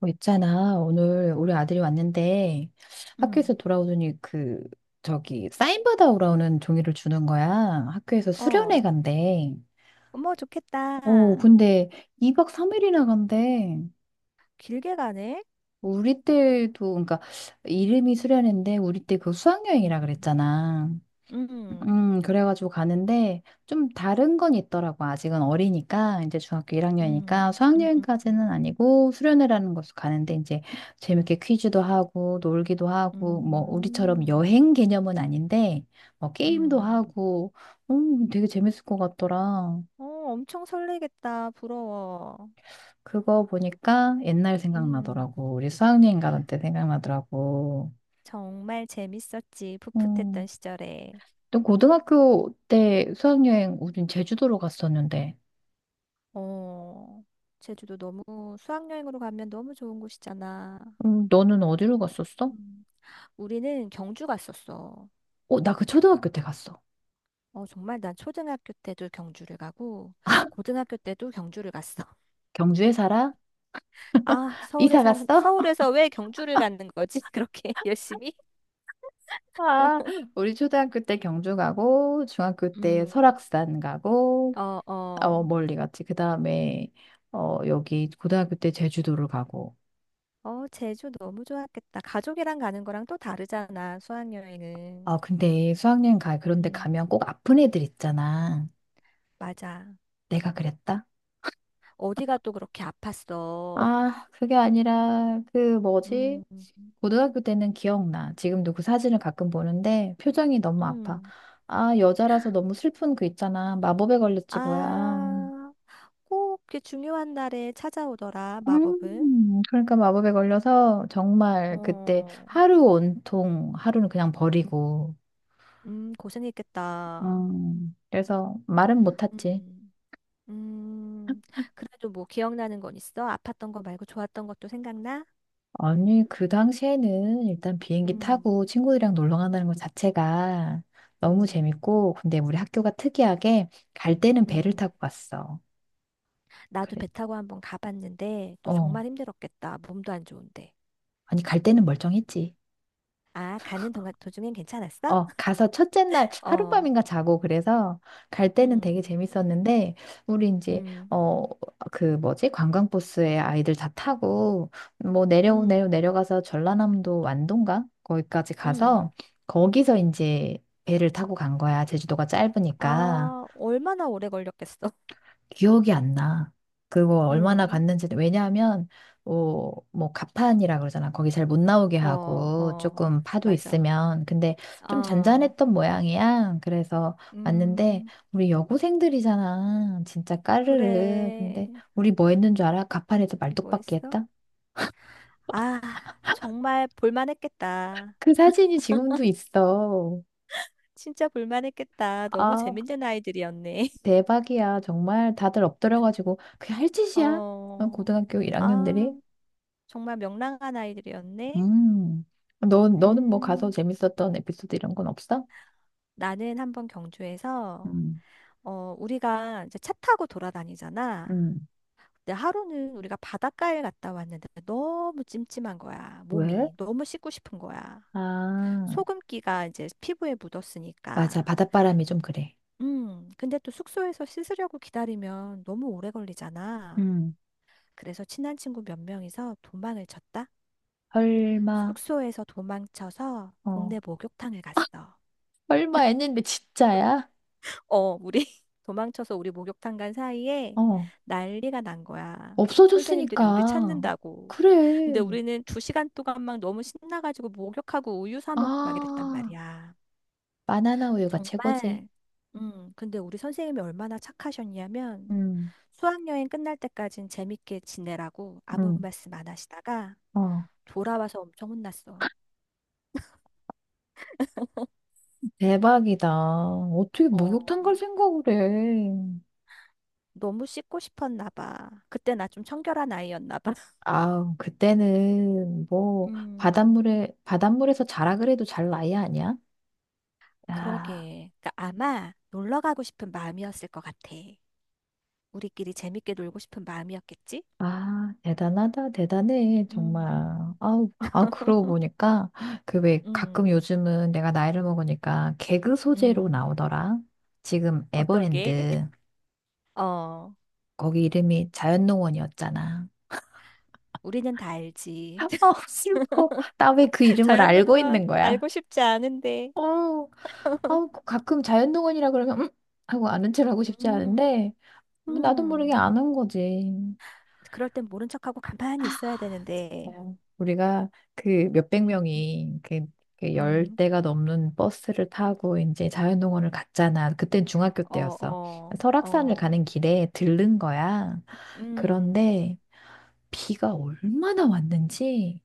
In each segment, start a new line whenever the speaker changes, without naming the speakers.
어, 있잖아. 오늘 우리 아들이 왔는데
응.
학교에서 돌아오더니 그 저기 사인 받아오라 는 종이를 주는 거야. 학교에서 수련회
어.
간대.
어머,
어,
좋겠다.
근데 2박 3일이나 간대.
길게 가네.
우리 때도 그러니까 이름이 수련회인데 우리 때 그 수학여행이라
음.
그랬잖아.
음, 음,
그래가지고 가는데 좀 다른 건 있더라고. 아직은 어리니까 이제 중학교 1학년이니까
음, 음,
수학여행까지는 아니고 수련회라는 곳을 가는데 이제 재밌게 퀴즈도 하고 놀기도 하고 뭐 우리처럼
음,
여행 개념은 아닌데 뭐 게임도
음.
하고 되게 재밌을 것 같더라.
어, 엄청 설레겠다. 부러워.
그거 보니까 옛날
음,
생각나더라고. 우리 수학여행 가던 때 생각나더라고.
정말 재밌었지. 풋풋했던
음,
시절에.
또 고등학교 때 수학여행 우린 제주도로 갔었는데.
어, 제주도 너무 수학여행으로 가면 너무 좋은 곳이잖아.
너는 어디로 갔었어?
음. 우리는 경주 갔었어.
어, 나 그 초등학교 때 갔어.
어, 정말 난 초등학교 때도 경주를 가고, 고등학교 때도 경주를 갔어.
경주에 살아?
아, 서울에
이사
살,
갔어?
서울에서 왜 경주를 가는 거지? 그렇게 열심히?
아, 우리 초등학교 때 경주 가고, 중학교 때
음,
설악산 가고,
어,
어,
어.
멀리 갔지. 그 다음에, 어, 여기 고등학교 때 제주도를 가고.
어, 제주 너무 좋았겠다. 가족이랑 가는 거랑 또 다르잖아,
아,
수학여행은.
근데 수학여행 가, 그런데 가면
음,
꼭 아픈 애들 있잖아.
맞아.
내가 그랬다?
어디가 또 그렇게 아팠어.
아, 그게 아니라, 그 뭐지?
음.
고등학교 때는 기억나. 지금도 그 사진을 가끔 보는데 표정이 너무 아파.
음.
아, 여자라서 너무 슬픈 그 있잖아. 마법에 걸렸지 뭐야.
아, 꼭 그 중요한 날에 찾아오더라, 마법은.
그러니까 마법에 걸려서 정말 그때
어,
하루 온통 하루는 그냥 버리고.
고생했겠다.
그래서 말은 못했지.
음. 음, 그래도 뭐 기억나는 건 있어? 아팠던 거 말고 좋았던 것도 생각나?
아니, 그 당시에는 일단 비행기
음,
타고 친구들이랑 놀러 간다는 것 자체가 너무
음,
재밌고, 근데 우리 학교가 특이하게 갈 때는 배를
음.
타고 갔어.
나도
그래.
배 타고 한번 가봤는데 너
어.
정말 힘들었겠다. 몸도 안 좋은데.
아니, 갈 때는 멀쩡했지.
아, 가는 동안 도중엔 괜찮았어?
어, 가서 첫째 날
어,
하룻밤인가 자고 그래서 갈 때는
음,
되게 재밌었는데 우리 이제
음,
어, 그 뭐지? 관광버스에 아이들 다 타고 뭐 내려
음,
내려 내려가서 전라남도 완도인가? 거기까지
음.
가서 거기서 이제 배를 타고 간 거야. 제주도가 짧으니까.
아, 얼마나 오래 걸렸겠어?
기억이 안 나. 그거 얼마나
음,
갔는지, 왜냐하면, 어, 뭐, 가판이라 그러잖아. 거기 잘 못 나오게
어,
하고,
어,
조금 파도
맞아.
있으면. 근데 좀
어,
잔잔했던 모양이야. 그래서 왔는데,
음,
우리 여고생들이잖아. 진짜 까르르.
그래.
근데, 우리 뭐 했는 줄 알아? 가판에서
뭐
말뚝박기
했어?
했다?
아, 정말 볼만했겠다.
그 사진이 지금도 있어.
진짜 볼만했겠다. 너무
아,
재밌는 아이들이었네.
대박이야. 정말 다들 엎드려가지고, 그게 할 짓이야? 어,
어,
고등학교 1학년들이?
아, 정말 명랑한 아이들이었네.
음. 너, 너는 뭐 가서
음,
재밌었던 에피소드 이런 건 없어?
나는 한번 경주에서,
음.
어, 우리가 이제 차 타고 돌아다니잖아.
음.
근데 하루는 우리가 바닷가에 갔다 왔는데 너무 찜찜한 거야.
왜?
몸이. 너무 씻고 싶은 거야.
아,
소금기가 이제 피부에 묻었으니까.
맞아. 바닷바람이 좀 그래.
근데 또 숙소에서 씻으려고 기다리면 너무 오래 걸리잖아.
음.
그래서 친한 친구 몇 명이서 도망을 쳤다.
설마,
숙소에서 도망쳐서
어,
동네 목욕탕을 갔어.
설마 했는데 진짜야?
어, 우리 도망쳐서 우리 목욕탕 간 사이에
어,
난리가 난 거야. 선생님들이 우리
없어졌으니까.
찾는다고. 근데
그래.
우리는 2시간 동안 막 너무 신나가지고 목욕하고 우유 사 먹고 막 이랬단
아,
말이야.
바나나 우유가 최고지.
정말. 근데 우리 선생님이 얼마나 착하셨냐면
음.
수학여행 끝날 때까진 재밌게 지내라고 아무
응.
말씀 안 하시다가
어,
돌아와서 엄청 혼났어.
대박이다. 어떻게
어.
목욕탕 갈 생각을 해.
너무 씻고 싶었나 봐. 그때 나 좀 청결한 아이였나 봐.
아, 그때는 뭐
음,
바닷물에서 자라 그래도 잘 나이 아니야? 아,
그러게. 그러니까 아마 놀러 가고 싶은 마음이었을 것 같아. 우리끼리 재밌게 놀고 싶은 마음이었겠지?
아, 대단하다, 대단해, 정말.
음,
아우, 아, 그러고 보니까 그 왜 가끔
음,
요즘은 내가 나이를 먹으니까 개그 소재로
음.
나오더라. 지금
어떤 게?
에버랜드
어,
거기 이름이 자연농원이었잖아.
우리는 다 알지.
아, 슬퍼. 나 왜 그 이름을 알고
자연농원
있는 거야?
알고 싶지 않은데.
어. 아우, 가끔 자연동원이라 그러면, 음? 하고 아는 척 하고 싶지
음,
않은데, 나도 모르게
음.
아는 거지.
그럴 땐 모른 척하고 가만히 있어야
자,
되는데.
우리가 그 몇백
음,
명이 그, 그
음.
열대가 넘는 버스를 타고 이제 자연동원을 갔잖아. 그땐 중학교
어,
때였어.
어,
설악산을
어.
가는 길에 들른 거야.
음,
그런데 비가 얼마나 왔는지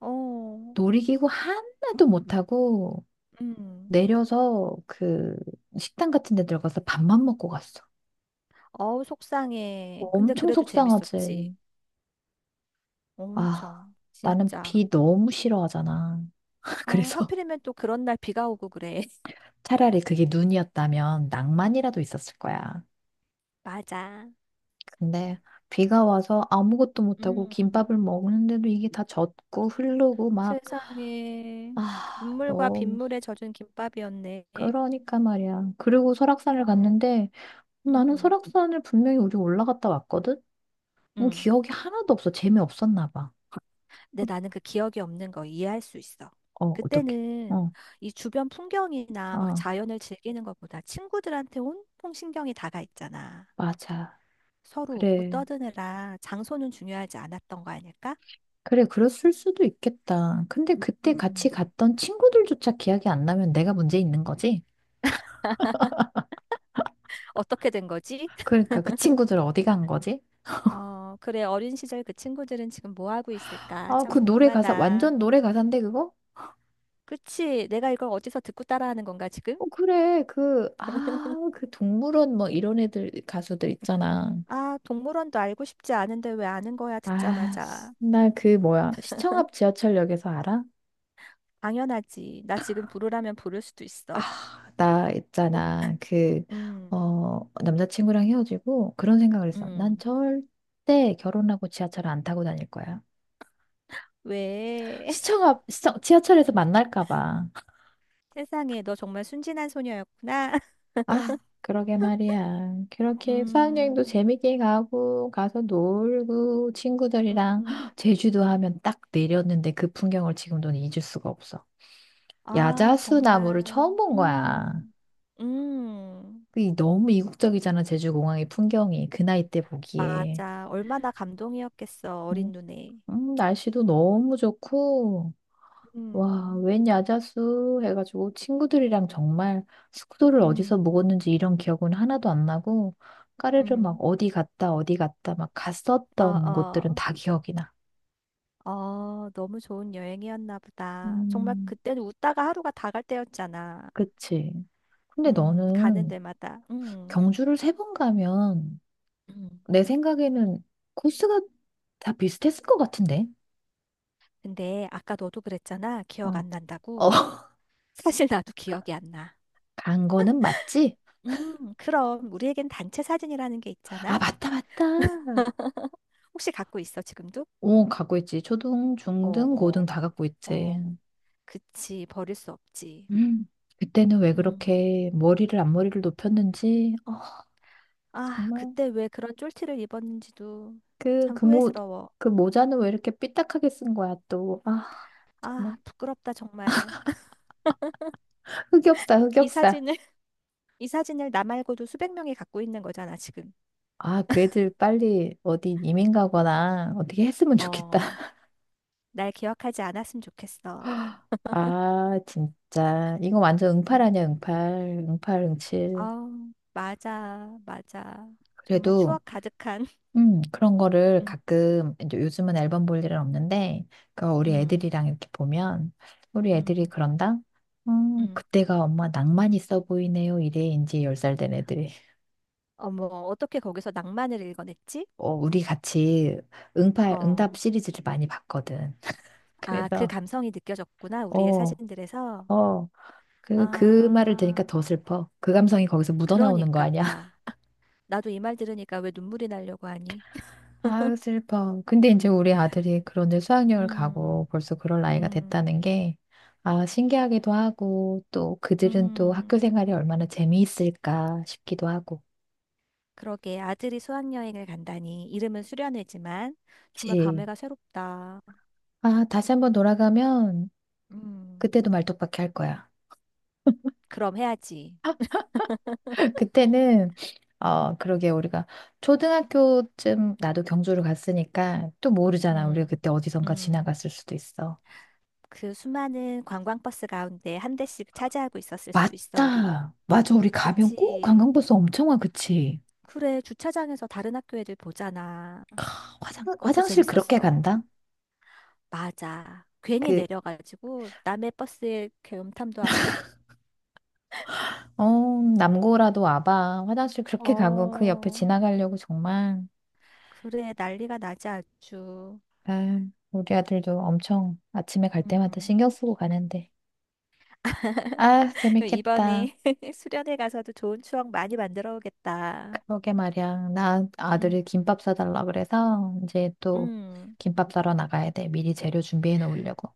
어.
놀이기구 하나도 못 타고
음.
내려서 그 식당 같은 데 들어가서 밥만 먹고 갔어.
어우, 속상해. 근데
엄청
그래도 재밌었지.
속상하지. 아,
엄청.
나는
진짜.
비 너무 싫어하잖아.
어,
그래서
하필이면 또 그런 날 비가 오고 그래.
차라리 그게 눈이었다면 낭만이라도 있었을 거야.
맞아.
근데 비가 와서 아무것도 못하고
음.
김밥을 먹는데도 이게 다 젖고 흐르고 막,
세상에.
아,
눈물과
너무,
빗물에 젖은 김밥이었네.
그러니까 말이야. 그리고 설악산을
어.
갔는데 나는
음.
설악산을 분명히 우리 올라갔다 왔거든? 뭐
음.
기억이 하나도 없어. 재미없었나 봐.
근데 나는 그 기억이 없는 거 이해할 수 있어.
어, 어떡해.
그때는
어,
이 주변 풍경이나 막
아,
자연을 즐기는 것보다 친구들한테 온통 신경이 다가 있잖아.
맞아.
서로 웃고
그래.
떠드느라 장소는 중요하지 않았던 거 아닐까?
그래, 그랬을 수도 있겠다. 근데 그때
음.
같이 갔던 친구들조차 기억이 안 나면 내가 문제 있는 거지?
어떻게 된 거지?
그러니까 그 친구들 어디 간 거지?
어, 그래, 어린 시절 그 친구들은 지금 뭐 하고 있을까?
아,
참
그 노래 가사,
궁금하다.
완전 노래 가사인데 그거?
그치? 내가 이걸 어디서 듣고 따라하는 건가, 지금?
어, 그래, 그, 아, 그 동물원 뭐 이런 애들, 가수들 있잖아.
아, 동물원도 알고 싶지 않은데 왜 아는 거야,
아,
듣자마자.
나 그 뭐야, 시청 앞 지하철역에서 알아?
당연하지. 나 지금 부르라면 부를 수도 있어.
나 있잖아, 그,
음,
어, 남자친구랑 헤어지고 그런 생각을 했어. 난
음.
절대 결혼하고 지하철 안 타고 다닐 거야.
왜?
시청 앞, 시청, 지하철에서 만날까 봐.
세상에, 너 정말 순진한 소녀였구나.
아, 그러게 말이야. 그렇게 수학여행도
음,
재밌게 가고, 가서 놀고, 친구들이랑
음.
제주도 하면 딱 내렸는데 그 풍경을 지금도 잊을 수가 없어.
아,
야자수
정말.
나무를 처음 본 거야.
음, 음.
그 너무 이국적이잖아, 제주공항의 풍경이. 그 나이 때 보기에.
맞아. 얼마나 감동이었겠어,
음,
어린 눈에.
날씨도 너무 좋고, 와,
음,
웬 야자수 해가지고 친구들이랑 정말 숙소를 어디서
음,
묵었는지 이런 기억은 하나도 안 나고 까르르 막
음.
어디 갔다 어디 갔다 막
어,
갔었던 곳들은
어,
다 기억이 나.
어, 너무 좋은 여행이었나 보다. 정말
음,
그때는 웃다가 하루가 다 갈 때였잖아.
그치. 근데
가는
너는
데마다.
경주를 세 번 가면
음.
내 생각에는 코스가 다 비슷했을 것 같은데.
근데 아까 너도 그랬잖아. 기억
어.
안
어,
난다고. 사실 나도 기억이 안 나.
간 거는 맞지?
그럼 우리에겐 단체 사진이라는 게
아,
있잖아.
맞다, 맞다.
혹시 갖고 있어, 지금도?
오, 갖고 있지. 초등, 중등, 고등
어,
다 갖고 있지.
어, 그치, 버릴 수 없지.
음, 그때는 왜
음.
그렇게 머리를 앞머리를 높였는지, 아,
아,
정말
그때 왜 그런 쫄티를 입었는지도
그,
참
그 모,
후회스러워.
그 모자는 왜 이렇게 삐딱하게 쓴 거야, 또. 아,
아,
정말
부끄럽다, 정말.
흑역사,
이
흑역사.
사진을, 이 사진을 나 말고도 수백 명이 갖고 있는 거잖아, 지금.
아, 그 애들 빨리 어디 이민 가거나 어떻게 했으면 좋겠다.
어, 날 기억하지 않았으면 좋겠어.
아, 진짜. 이거 완전 응팔 아니야,
음,
응팔. 응팔, 응칠.
아, 맞아, 맞아. 정말
그래도
추억 가득한.
그런 거를
음,
가끔, 이제 요즘은 앨범 볼 일은 없는데, 그 우리
음,
애들이랑 이렇게 보면, 우리 애들이
음,
그런다?
음.
그때가 엄마 낭만 있어 보이네요. 이래, 이제 10살 된 애들이.
어머, 어떻게 거기서 낭만을 읽어냈지?
어, 우리 같이 응팔,
어,
응답 시리즈를 많이 봤거든.
아, 그
그래서,
감성이 느껴졌구나, 우리의
어,
사진들에서.
어, 그, 그 말을
아,
들으니까 더 슬퍼. 그 감성이 거기서 묻어나오는 거
그러니까.
아니야?
나도 이 말 들으니까 왜 눈물이 나려고 하니?
아유, 슬퍼. 근데 이제 우리 아들이 그런 이제 수학여행을
음,
가고 벌써 그럴 나이가
음,
됐다는 게, 아, 신기하기도 하고, 또 그들은 또
음.
학교 생활이 얼마나 재미있을까 싶기도 하고.
그러게 아들이 수학여행을 간다니 이름은 수련회지만 정말
그치.
감회가 새롭다.
아, 다시 한번 돌아가면
음,
그때도 말뚝박기 할 거야.
그럼 해야지.
그때는, 어, 그러게 우리가 초등학교쯤 나도 경주를 갔으니까 또 모르잖아. 우리가
음,
그때 어디선가
음.
지나갔을 수도 있어.
그 수많은 관광버스 가운데 한 대씩 차지하고 있었을 수도 있어, 우리.
맞다. 맞아. 우리 가면 꼭
그치.
관광버스 엄청 와. 그치?
그래, 주차장에서 다른 학교 애들 보잖아.
화장,
그것도
화장실 그렇게
재밌었어.
간다?
맞아. 괜히
그,
내려가지고 남의 버스에 이렇게 음탐도 하고.
어, 남고라도 와봐. 화장실 그렇게 가고 그 옆에
어,
지나가려고 정말.
그래, 난리가 나지 아주.
아, 우리 아들도 엄청 아침에 갈 때마다
음.
신경 쓰고 가는데. 아, 재밌겠다.
이번에 수련회 가서도 좋은 추억 많이 만들어 오겠다.
그러게 말이야. 나
음.
아들이 김밥 사달라 그래서 이제 또
음.
김밥 사러 나가야 돼. 미리 재료 준비해 놓으려고.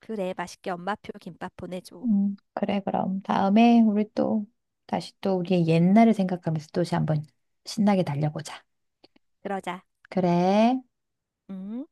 그래, 맛있게 엄마표 김밥 보내줘.
그래, 그럼. 다음에 우리 또 다시 또 우리의 옛날을 생각하면서 또 다시 한번 신나게 달려보자.
그러자.
그래.
음.